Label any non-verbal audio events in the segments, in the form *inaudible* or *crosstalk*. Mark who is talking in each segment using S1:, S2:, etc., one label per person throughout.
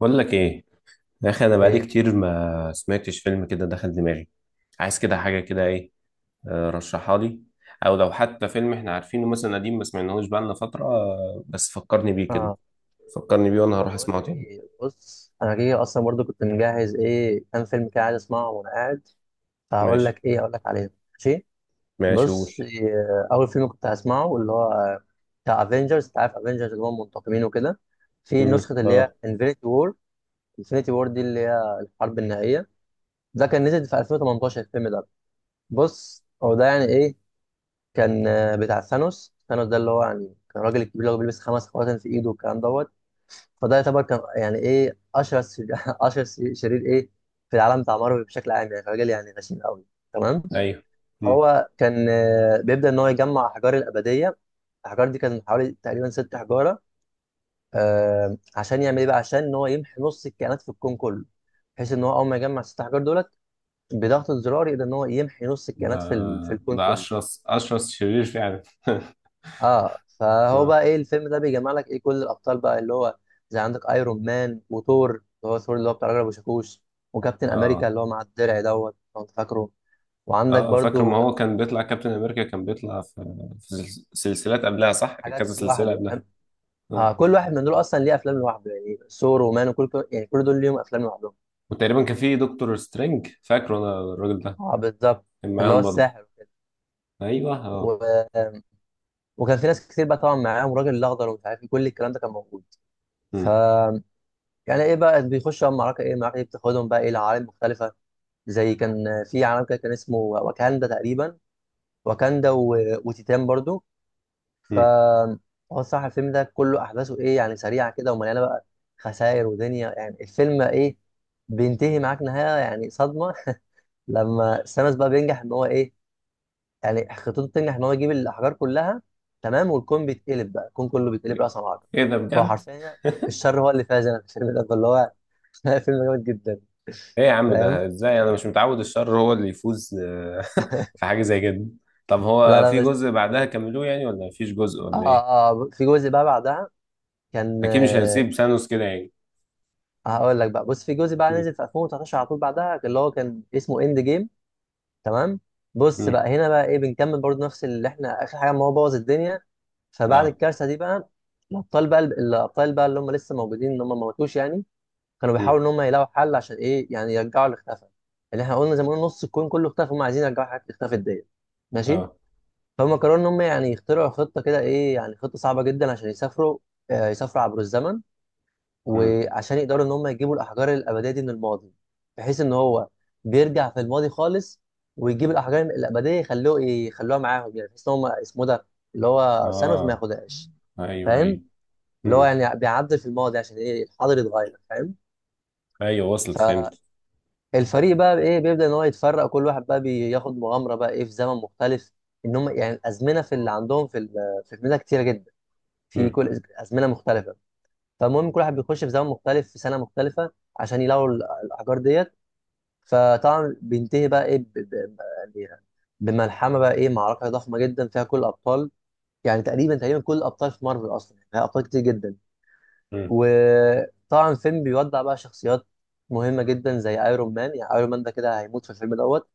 S1: بقول لك ايه؟ يا اخي انا بقالي
S2: ايه.
S1: كتير ما سمعتش فيلم كده دخل دماغي. عايز كده حاجه كده ايه. رشحها لي. او لو حتى فيلم احنا عارفينه مثلا قديم ما سمعناهوش بقالنا فتره، بس فكرني بيه كده.
S2: اه.
S1: فكرني بيه وانا
S2: طب
S1: هروح
S2: بقول
S1: اسمعه
S2: لك
S1: تاني.
S2: ايه، بص انا كده اصلا برضو كنت مجهز ايه كام فيلم كده عايز اسمعه وانا قاعد. فهقول
S1: ماشي.
S2: لك ايه، اقول لك عليه. ماشي.
S1: ماشي، قول.
S2: بص إيه، اول فيلم كنت هسمعه اللي هو بتاع افنجرز، انت عارف افنجرز اللي هم منتقمين وكده. في نسخه اللي هي
S1: اه.
S2: انفينيتي وور. انفينيتي وور دي اللي هي الحرب النهائيه. ده كان نزل في 2018 الفيلم ده. بص هو ده يعني ايه، كان بتاع ثانوس. ثانوس ده اللي هو يعني كان الراجل الكبير اللي هو بيلبس خمس خواتم في ايده والكلام دوت. فده يعتبر كان يعني ايه اشهر *laughs* اشهر شرير ايه في العالم بتاع مارفل بشكل عام، يعني راجل يعني غشيم قوي. تمام.
S1: ايوه. امم
S2: هو كان بيبدا ان هو يجمع احجار الابديه. الاحجار دي كان حوالي تقريبا ست حجاره. عشان يعمل ايه بقى، عشان ان هو يمحي نص الكائنات في الكون كله. بحيث ان هو اول ما يجمع ست احجار دولت بضغط الزرار يقدر ان هو يمحي نص
S1: ده
S2: الكائنات في الكون
S1: ده
S2: كله.
S1: اشرس شرير فعلا. *laughs*
S2: اه، فهو
S1: اه.
S2: بقى ايه، الفيلم ده بيجمع لك ايه كل الابطال بقى اللي هو زي عندك ايرون مان وثور. اللي هو ثور اللي هو بتاع راجل ابو شاكوش، وكابتن امريكا
S1: اه.
S2: اللي هو مع الدرع دوت لو انت فاكره. وعندك
S1: اه، فاكر، ما
S2: برضو
S1: هو كان بيطلع كابتن امريكا، كان بيطلع في سلسلات قبلها، صح،
S2: حاجات
S1: كذا سلسله
S2: لوحده،
S1: قبلها.
S2: فاهم.
S1: اه.
S2: اه، كل واحد من دول اصلا ليه افلام لوحده، يعني ثور ومان يعني كل دول ليهم افلام لوحدهم.
S1: وتقريبا كان في دكتور سترينج، فاكره انا الراجل ده،
S2: اه بالظبط،
S1: كان
S2: اللي هو
S1: معاهم برضه.
S2: الساحر وكده.
S1: ايوه اه.
S2: و... وكان في ناس كتير بقى طبعا معاهم الراجل الاخضر ومش عارف ايه، كل الكلام ده كان موجود. ف
S1: مم.
S2: يعني ايه بقى بيخشوا بقى معركه، ايه المعركه دي، بتاخدهم بقى ايه لعوالم مختلفه. زي كان في عالم كده كان اسمه واكاندا تقريبا. واكاندا وتيتان برضو. ف
S1: مم.
S2: هو الصراحه الفيلم ده كله احداثه ايه يعني سريعه كده ومليانه بقى خسائر ودنيا، يعني الفيلم ايه بينتهي معاك نهايه يعني صدمه. *laughs* لما سامس بقى بينجح ان هو ايه، يعني خطته بتنجح ان هو يجيب الاحجار كلها. تمام، والكون بيتقلب بقى، الكون كله بيتقلب راسا على عقب.
S1: ايه ده
S2: فهو
S1: بجد؟
S2: حرفيا الشر هو اللي فاز انا في الفيلم ده اللي هو *laughs* فيلم جامد جدا.
S1: *laughs* ايه يا عم، ده
S2: فاهم.
S1: ازاي؟ انا مش متعود الشر هو اللي يفوز. *laughs* في حاجه زي كده؟ طب
S2: لا
S1: هو
S2: لا
S1: في
S2: بس.
S1: جزء بعدها كملوه يعني ولا مفيش جزء
S2: اه
S1: ولا ايه؟
S2: اه، في جزء بقى بعدها. كان
S1: اكيد مش
S2: آه،
S1: هنسيب سانوس كده يعني.
S2: هقول لك بقى، بص، في جزء بقى
S1: مم.
S2: نزل في 2019 على طول بعدها اللي هو كان اسمه اند جيم. تمام. بص
S1: مم.
S2: بقى هنا بقى ايه بنكمل برضو نفس اللي احنا اخر حاجه ما هو بوظ الدنيا. فبعد
S1: اه.
S2: الكارثه دي بقى الابطال بقى اللي هم لسه موجودين ان هم ما ماتوش يعني كانوا
S1: مم.
S2: بيحاولوا ان هم يلاقوا حل عشان ايه يعني يرجعوا اللي اختفى. اللي احنا قلنا زي ما قلنا نص الكون كله اختفى، هم عايزين يرجعوا الحاجات اللي اختفت ديت. ماشي.
S1: اه.
S2: فهم قرروا ان هم يعني يخترعوا خطه كده ايه، يعني خطه صعبه جدا عشان يسافروا عبر الزمن.
S1: مم.
S2: وعشان يقدروا ان هم يجيبوا الاحجار الابديه دي من الماضي. بحيث ان هو بيرجع في الماضي خالص ويجيب الاحجار الابديه، يخلوها معاهم يعني، بحيث ان هم اسمه ده اللي هو ثانوس ما
S1: اه.
S2: ياخدهاش.
S1: ايوه
S2: فاهم.
S1: ايوه.
S2: اللي هو
S1: مم.
S2: يعني بيعدل في الماضي عشان ايه الحاضر يتغير. فاهم.
S1: ايوه وصلت، فهمت.
S2: فالفريق بقى ايه بيبدا ان هو يتفرق، كل واحد بقى بياخد مغامره بقى ايه في زمن مختلف. ان هم يعني الازمنه في اللي عندهم في الفيلم ده كتيره جدا، في
S1: مم.
S2: كل ازمنه مختلفه. فالمهم كل واحد بيخش في زمن مختلف في سنه مختلفه عشان يلاقوا الاحجار ديت. فطبعا بينتهي بقى ايه يعني بملحمه بقى ايه، معركه ضخمه جدا فيها كل الابطال، يعني تقريبا تقريبا كل الابطال في مارفل اصلا، يعني فيها ابطال كتير جدا.
S1: مم.
S2: وطبعا الفيلم بيودع بقى شخصيات مهمه جدا زي ايرون مان، يعني ايرون مان ده كده هيموت في الفيلم دوت،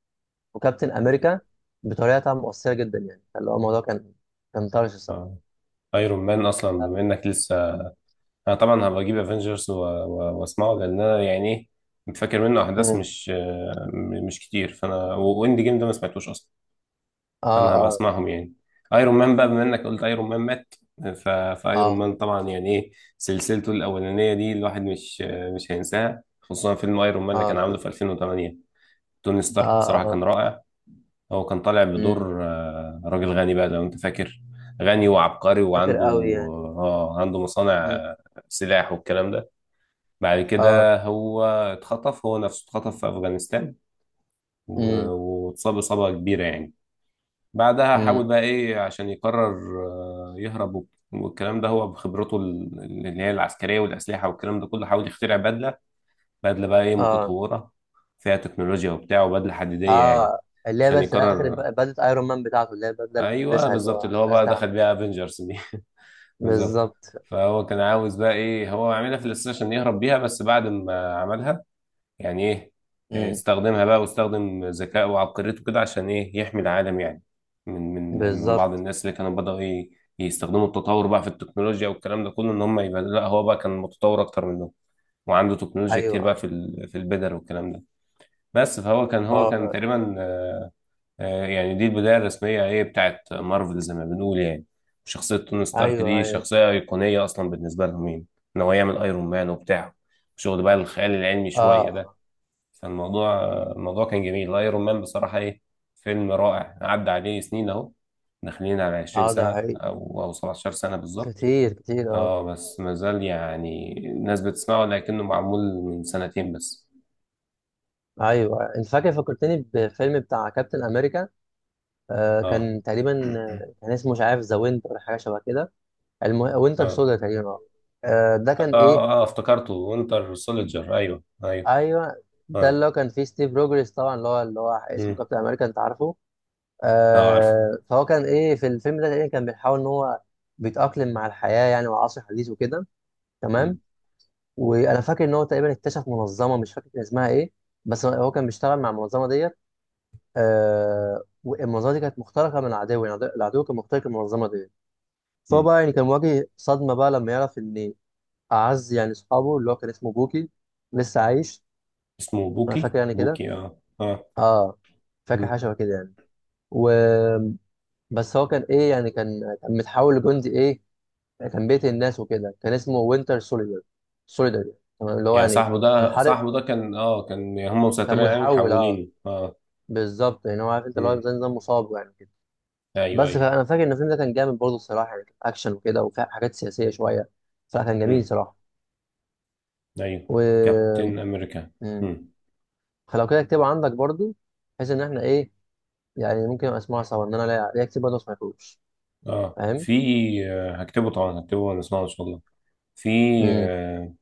S2: وكابتن امريكا، بطريقه طبعاً مؤثره جدا يعني. فاللي هو الموضوع كان طرش الصراحه.
S1: اه. ايرون مان اصلا بما انك لسه، انا طبعا هبقى اجيب افنجرز واسمعه، لان انا يعني فاكر منه احداث
S2: مم.
S1: مش آه، م- مش كتير، فانا واند جيم ده ما سمعتوش اصلا.
S2: اه.
S1: فانا هبقى
S2: اه.
S1: اسمعهم يعني. ايرون مان بقى بما انك قلت ايرون مان مات. ف... فايرون
S2: اه.
S1: مان طبعا يعني ايه، سلسلته الاولانيه دي، الواحد مش هينساها، خصوصا فيلم ايرون مان اللي كان
S2: اه.
S1: عامله في 2008. توني
S2: اه.
S1: ستارك بصراحه
S2: اه.
S1: كان رائع. هو كان طالع
S2: مم.
S1: بدور راجل غني بقى لو انت فاكر. غني وعبقري
S2: فاكر
S1: وعنده،
S2: قوي يعني.
S1: اه، عنده مصانع
S2: مم.
S1: سلاح والكلام ده. بعد
S2: اه.
S1: كده هو اتخطف، هو نفسه اتخطف في أفغانستان. و-
S2: مم.
S1: واتصاب إصابة كبيرة يعني. بعدها
S2: مم.
S1: حاول بقى إيه عشان يقرر يهرب والكلام ده. هو بخبرته اللي هي العسكرية والأسلحة والكلام ده كله، حاول يخترع بدلة. بدلة بقى إيه،
S2: اه.
S1: متطورة، فيها تكنولوجيا وبتاع، وبدلة حديدية يعني.
S2: اه. اللي هي
S1: عشان
S2: بس في الاخر
S1: يقرر.
S2: بدلة ايرون مان بتاعته اللي هي البدله اللي
S1: أيوه
S2: بيلبسها، اللي
S1: بالظبط،
S2: هو
S1: اللي هو
S2: في
S1: بقى
S2: اسلحه
S1: دخل
S2: كده.
S1: بيها افنجرز دي. *laughs* بالظبط.
S2: بالظبط.
S1: فهو كان عاوز بقى إيه، هو عاملها في الأساس عشان يهرب بيها، بس بعد ما عملها يعني ايه،
S2: مم.
S1: استخدمها بقى واستخدم ذكائه وعبقريته كده عشان ايه يحمي العالم يعني. من بعض
S2: بالظبط.
S1: الناس اللي كانوا بدأوا يستخدموا التطور بقى في التكنولوجيا والكلام ده كله، ان هم يبقى، لا هو بقى كان متطور اكتر منهم، وعنده تكنولوجيا كتير
S2: ايوه
S1: بقى
S2: ايوه.
S1: في في البدر والكلام ده. بس فهو كان،
S2: اه.
S1: هو كان
S2: آه.
S1: تقريبا يعني دي البداية الرسمية ايه بتاعت مارفل زي ما بنقول يعني. شخصية توني ستارك
S2: ايوه
S1: دي
S2: ايوه.
S1: شخصية أيقونية أصلا بالنسبة لهم يعني. إن هو يعمل أيرون مان وبتاع، شغل بقى الخيال العلمي شوية
S2: اه
S1: ده. فالموضوع، الموضوع كان جميل. ايرون مان بصراحة ايه، فيلم رائع. عدى عليه سنين اهو، داخلين على 20
S2: اه، ده
S1: سنة
S2: حقيقي،
S1: او او 17 سنة بالظبط.
S2: كتير كتير، اه.
S1: اه بس ما زال يعني الناس بتسمعه، لكنه معمول من سنتين بس.
S2: ايوه أيوه. انت فاكر فكرتني بفيلم بتاع كابتن امريكا.
S1: اه.
S2: كان تقريبا كان اسمه مش عارف، ذا وينتر حاجه شبه كده. وينتر
S1: اه.
S2: سودا تقريبا، اه. ده كان ايه.
S1: افتكرته وينتر سولجر، ايوه ايوه.
S2: ايوه ده
S1: اه.
S2: اللي هو كان فيه ستيف روجرز طبعا، اللي هو اللي هو اسمه
S1: مم.
S2: كابتن امريكا، انت عارفه.
S1: اه عارفه.
S2: فهو كان ايه في الفيلم ده تقريبا كان بيحاول ان هو بيتاقلم مع الحياه يعني والعصر الحديث وكده. تمام.
S1: مم.
S2: وانا فاكر ان هو تقريبا اكتشف منظمه، مش فاكر كان اسمها ايه، بس هو كان بيشتغل مع المنظمه ديت. والمنظمه دي كانت مخترقه من العدو، يعني العدو كان مخترق المنظمه ديت. فهو
S1: مم.
S2: بقى يعني كان مواجه صدمه بقى لما يعرف ان اعز يعني اصحابه اللي هو كان اسمه بوكي لسه عايش.
S1: اسمه
S2: انا
S1: بوكي،
S2: فاكر يعني كده.
S1: بوكي، اه اه.
S2: اه، فاكر
S1: مم.
S2: حاجه شبه كده يعني. و بس هو كان ايه يعني كان متحول لجندي ايه، كان بيقتل الناس وكده، كان اسمه وينتر سوليدر. سوليدر يعني. تمام، اللي هو
S1: يعني
S2: يعني
S1: صاحبه ده،
S2: محارب.
S1: صاحبه ده كان، اه كان هم
S2: كان
S1: مسيطرين عليه،
S2: متحول، اه.
S1: محولينه، اه.
S2: بالظبط، يعني هو عارف انت، اللي هو
S1: مم.
S2: زي نظام مصاب يعني كده.
S1: ايوه
S2: بس
S1: ايوه.
S2: فانا فاكر ان الفيلم ده كان جامد برضه الصراحه، يعني كان اكشن وكده وفيه حاجات سياسيه شويه، فكان جميل
S1: مم.
S2: صراحه.
S1: ايوه.
S2: و
S1: كابتن امريكا.
S2: مم.
S1: امم
S2: فلو كده اكتبه عندك برضه، بحيث ان احنا ايه، يعني ممكن أبقى اسمعها سوا ان انا لا لا اكتب برضه ما اسمعهوش.
S1: اه.
S2: فاهم؟
S1: في هكتبه طبعا، هكتبه ونسمعه ان شاء الله. في
S2: مم.
S1: آه،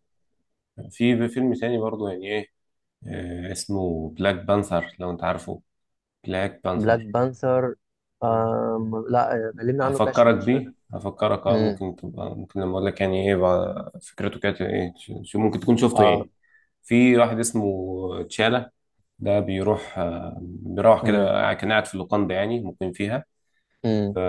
S1: في فيلم تاني برضو يعني ايه، اسمه بلاك بانثر لو انت عارفه. بلاك
S2: بلاك
S1: بانثر.
S2: بانثر.
S1: مم.
S2: لا، كلمنا عنه كده عشان
S1: هفكرك
S2: مش فاكر.
S1: بيه، هفكرك، اه،
S2: امم.
S1: ممكن تبقى، ممكن لما اقول لك يعني ايه بقى فكرته كانت ايه، شو، ممكن تكون شفته
S2: اه.
S1: يعني. في واحد اسمه تشالا. ده بيروح بيروح
S2: امم.
S1: كده، كان قاعد في اللوكاندا يعني، مقيم
S2: امم.
S1: فيها.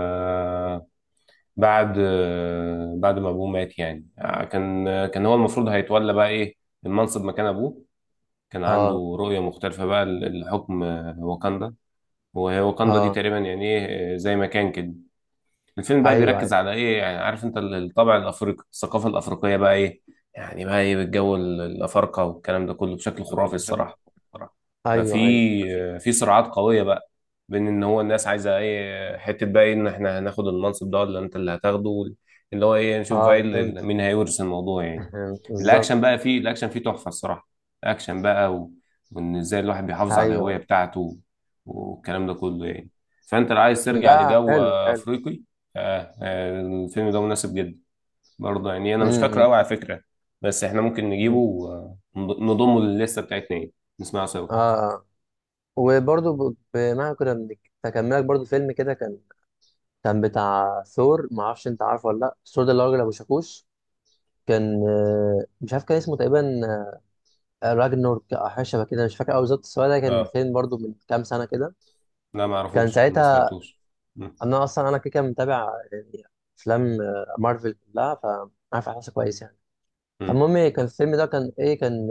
S1: بعد بعد ما ابوه مات يعني، كان هو المفروض هيتولى بقى ايه المنصب مكان ابوه. كان
S2: اه.
S1: عنده رؤية مختلفة بقى لحكم واكاندا. وهي واكاندا دي
S2: اه.
S1: تقريبا يعني ايه، زي ما كان كده. الفيلم بقى
S2: ايوه
S1: بيركز
S2: ايوه
S1: على ايه يعني، عارف انت الطابع الافريقي، الثقافة الافريقية بقى ايه يعني، بقى ايه بالجو الافارقة والكلام ده كله، بشكل
S2: ده
S1: خرافي
S2: كله بشكل
S1: الصراحة.
S2: بصراحة. ايوه ايوه ده فيه.
S1: في صراعات قوية بقى بين ان هو الناس عايزة ايه، حتة بقى ايه ان احنا هناخد المنصب ده ولا انت اللي هتاخده، اللي هو ايه، نشوف بقى إيه
S2: اه، فهمت.
S1: مين هيورث الموضوع يعني.
S2: *laughs* بالظبط.
S1: الاكشن بقى، فيه الاكشن فيه تحفة الصراحة. اكشن بقى وان ازاي الواحد بيحافظ
S2: ايوه
S1: على الهوية
S2: أيوة.
S1: بتاعته والكلام ده كله يعني. فانت لو عايز ترجع
S2: لا
S1: لجو
S2: حلو حلو.
S1: افريقي، الفيلم ده مناسب جدا. برضه يعني انا مش فاكره
S2: امم.
S1: قوي على فكرة، بس احنا ممكن نجيبه
S2: أمم.
S1: ونضمه للستة بتاعتنا يعني، نسمعه سوا.
S2: اه. آه. وبرضه بما كنا تكملك برضه فيلم كده كان بتاع ثور، ما اعرفش انت عارفه ولا لا. ثور ده اللي هو راجل ابو شاكوش. كان مش عارف كان اسمه تقريبا راجنورك او حاجه شبه كده، مش فاكر قوي بالظبط، بس هو ده كان
S1: اه
S2: فيلم برضو من كام سنه كده.
S1: لا، ما
S2: كان
S1: اعرفوش، ما
S2: ساعتها
S1: سمعتوش. مم.
S2: انا اصلا انا كده كده متابع يعني افلام مارفل كلها، فعارف احساسه كويس يعني.
S1: مم.
S2: فالمهم كان الفيلم ده كان ايه،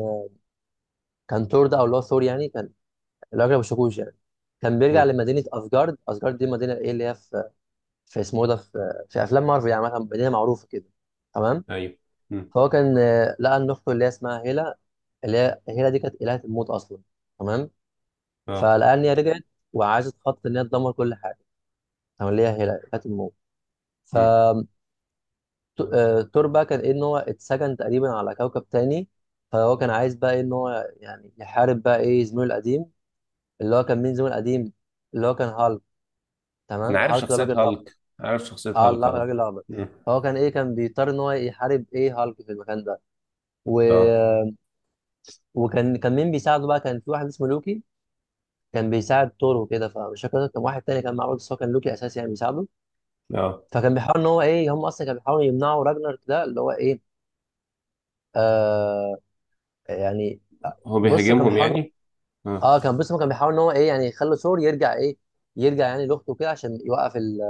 S2: كان ثور ده او اللي هو ثور يعني، كان الراجل ابو شاكوش يعني. كان بيرجع
S1: مم.
S2: لمدينه اسجارد. اسجارد دي مدينه ايه اللي هي في اسمه إيه ده، في افلام مارفل يعني، مثلا مدينه معروفه كده. تمام.
S1: ايوه. مم.
S2: فهو كان لقى ان اخته اللي هي اسمها هيلا، اللي هي هيلا دي كانت الهه الموت اصلا. تمام.
S1: اه.
S2: فالأنيا رجعت وعايزة تخطط إن هي تدمر كل حاجة، أو اللي هي هيلا كانت الموت.
S1: مم.
S2: فتور بقى كان إيه إن هو اتسجن تقريبا على كوكب تاني، فهو كان عايز بقى إيه إن هو يعني يحارب بقى إيه زميله القديم. اللي هو كان مين زميله القديم؟ اللي هو كان هالك.
S1: انا
S2: تمام،
S1: عارف
S2: هالك ده
S1: شخصية
S2: راجل الأخضر.
S1: هالك، عارف شخصية
S2: أه
S1: هالك،
S2: لا، الراجل
S1: اه.
S2: الأخضر.
S1: مم.
S2: فهو كان إيه، كان بيضطر إن هو يحارب إيه هالك في المكان ده. و...
S1: اه
S2: وكان مين بيساعده بقى؟ كان في واحد اسمه لوكي، كان بيساعد تور وكده. فمش فاكر كان واحد تاني كان معاه برضه، بس هو كان لوكي أساسي يعني بيساعده.
S1: اه.
S2: فكان بيحاول ان هو ايه، هم اصلا كانوا بيحاولوا يمنعوا راجنر ده اللي هو ايه آه يعني.
S1: هو
S2: بص كان
S1: بيهاجمهم
S2: بيحاول،
S1: يعني؟ اه.
S2: اه، بص كان بيحاول ان هو ايه يعني يخلي ثور يرجع ايه، يرجع يعني لاخته كده عشان يوقف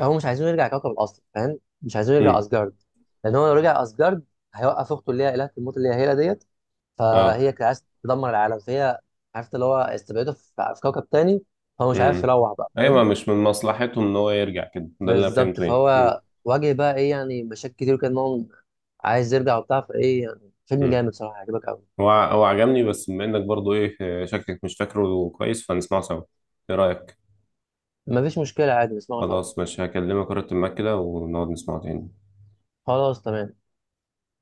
S2: هو مش عايزينه يرجع كوكب الارض، فاهم، مش عايزينه يرجع
S1: مم.
S2: اسجارد. لان هو لو رجع اسجارد هيوقف اخته اللي هي الهه الموت اللي هي هيلا ديت.
S1: اه.
S2: فهي كانت عايزه تدمر العالم، فهي عرفت اللي هو استبعده في كوكب تاني، هو مش عارف
S1: مم.
S2: يروح بقى،
S1: ايوه
S2: فاهم.
S1: مش من مصلحتهم ان هو يرجع كده، ده اللي انا
S2: بالظبط،
S1: فهمته يعني. مم.
S2: فهو واجه بقى ايه يعني مشاكل كتير، كان هو عايز يرجع وبتاع، فايه يعني، فيلم
S1: مم.
S2: جامد صراحه هيعجبك قوي.
S1: هو هو عجبني، بس بما انك برضو ايه شكلك مش فاكره كويس، فنسمعه سوا، ايه رأيك؟
S2: مفيش مشكله عادي نسمعه سوا.
S1: خلاص ماشي، هكلمك ورقة المكتب كده ونقعد نسمعه تاني.
S2: خلاص تمام.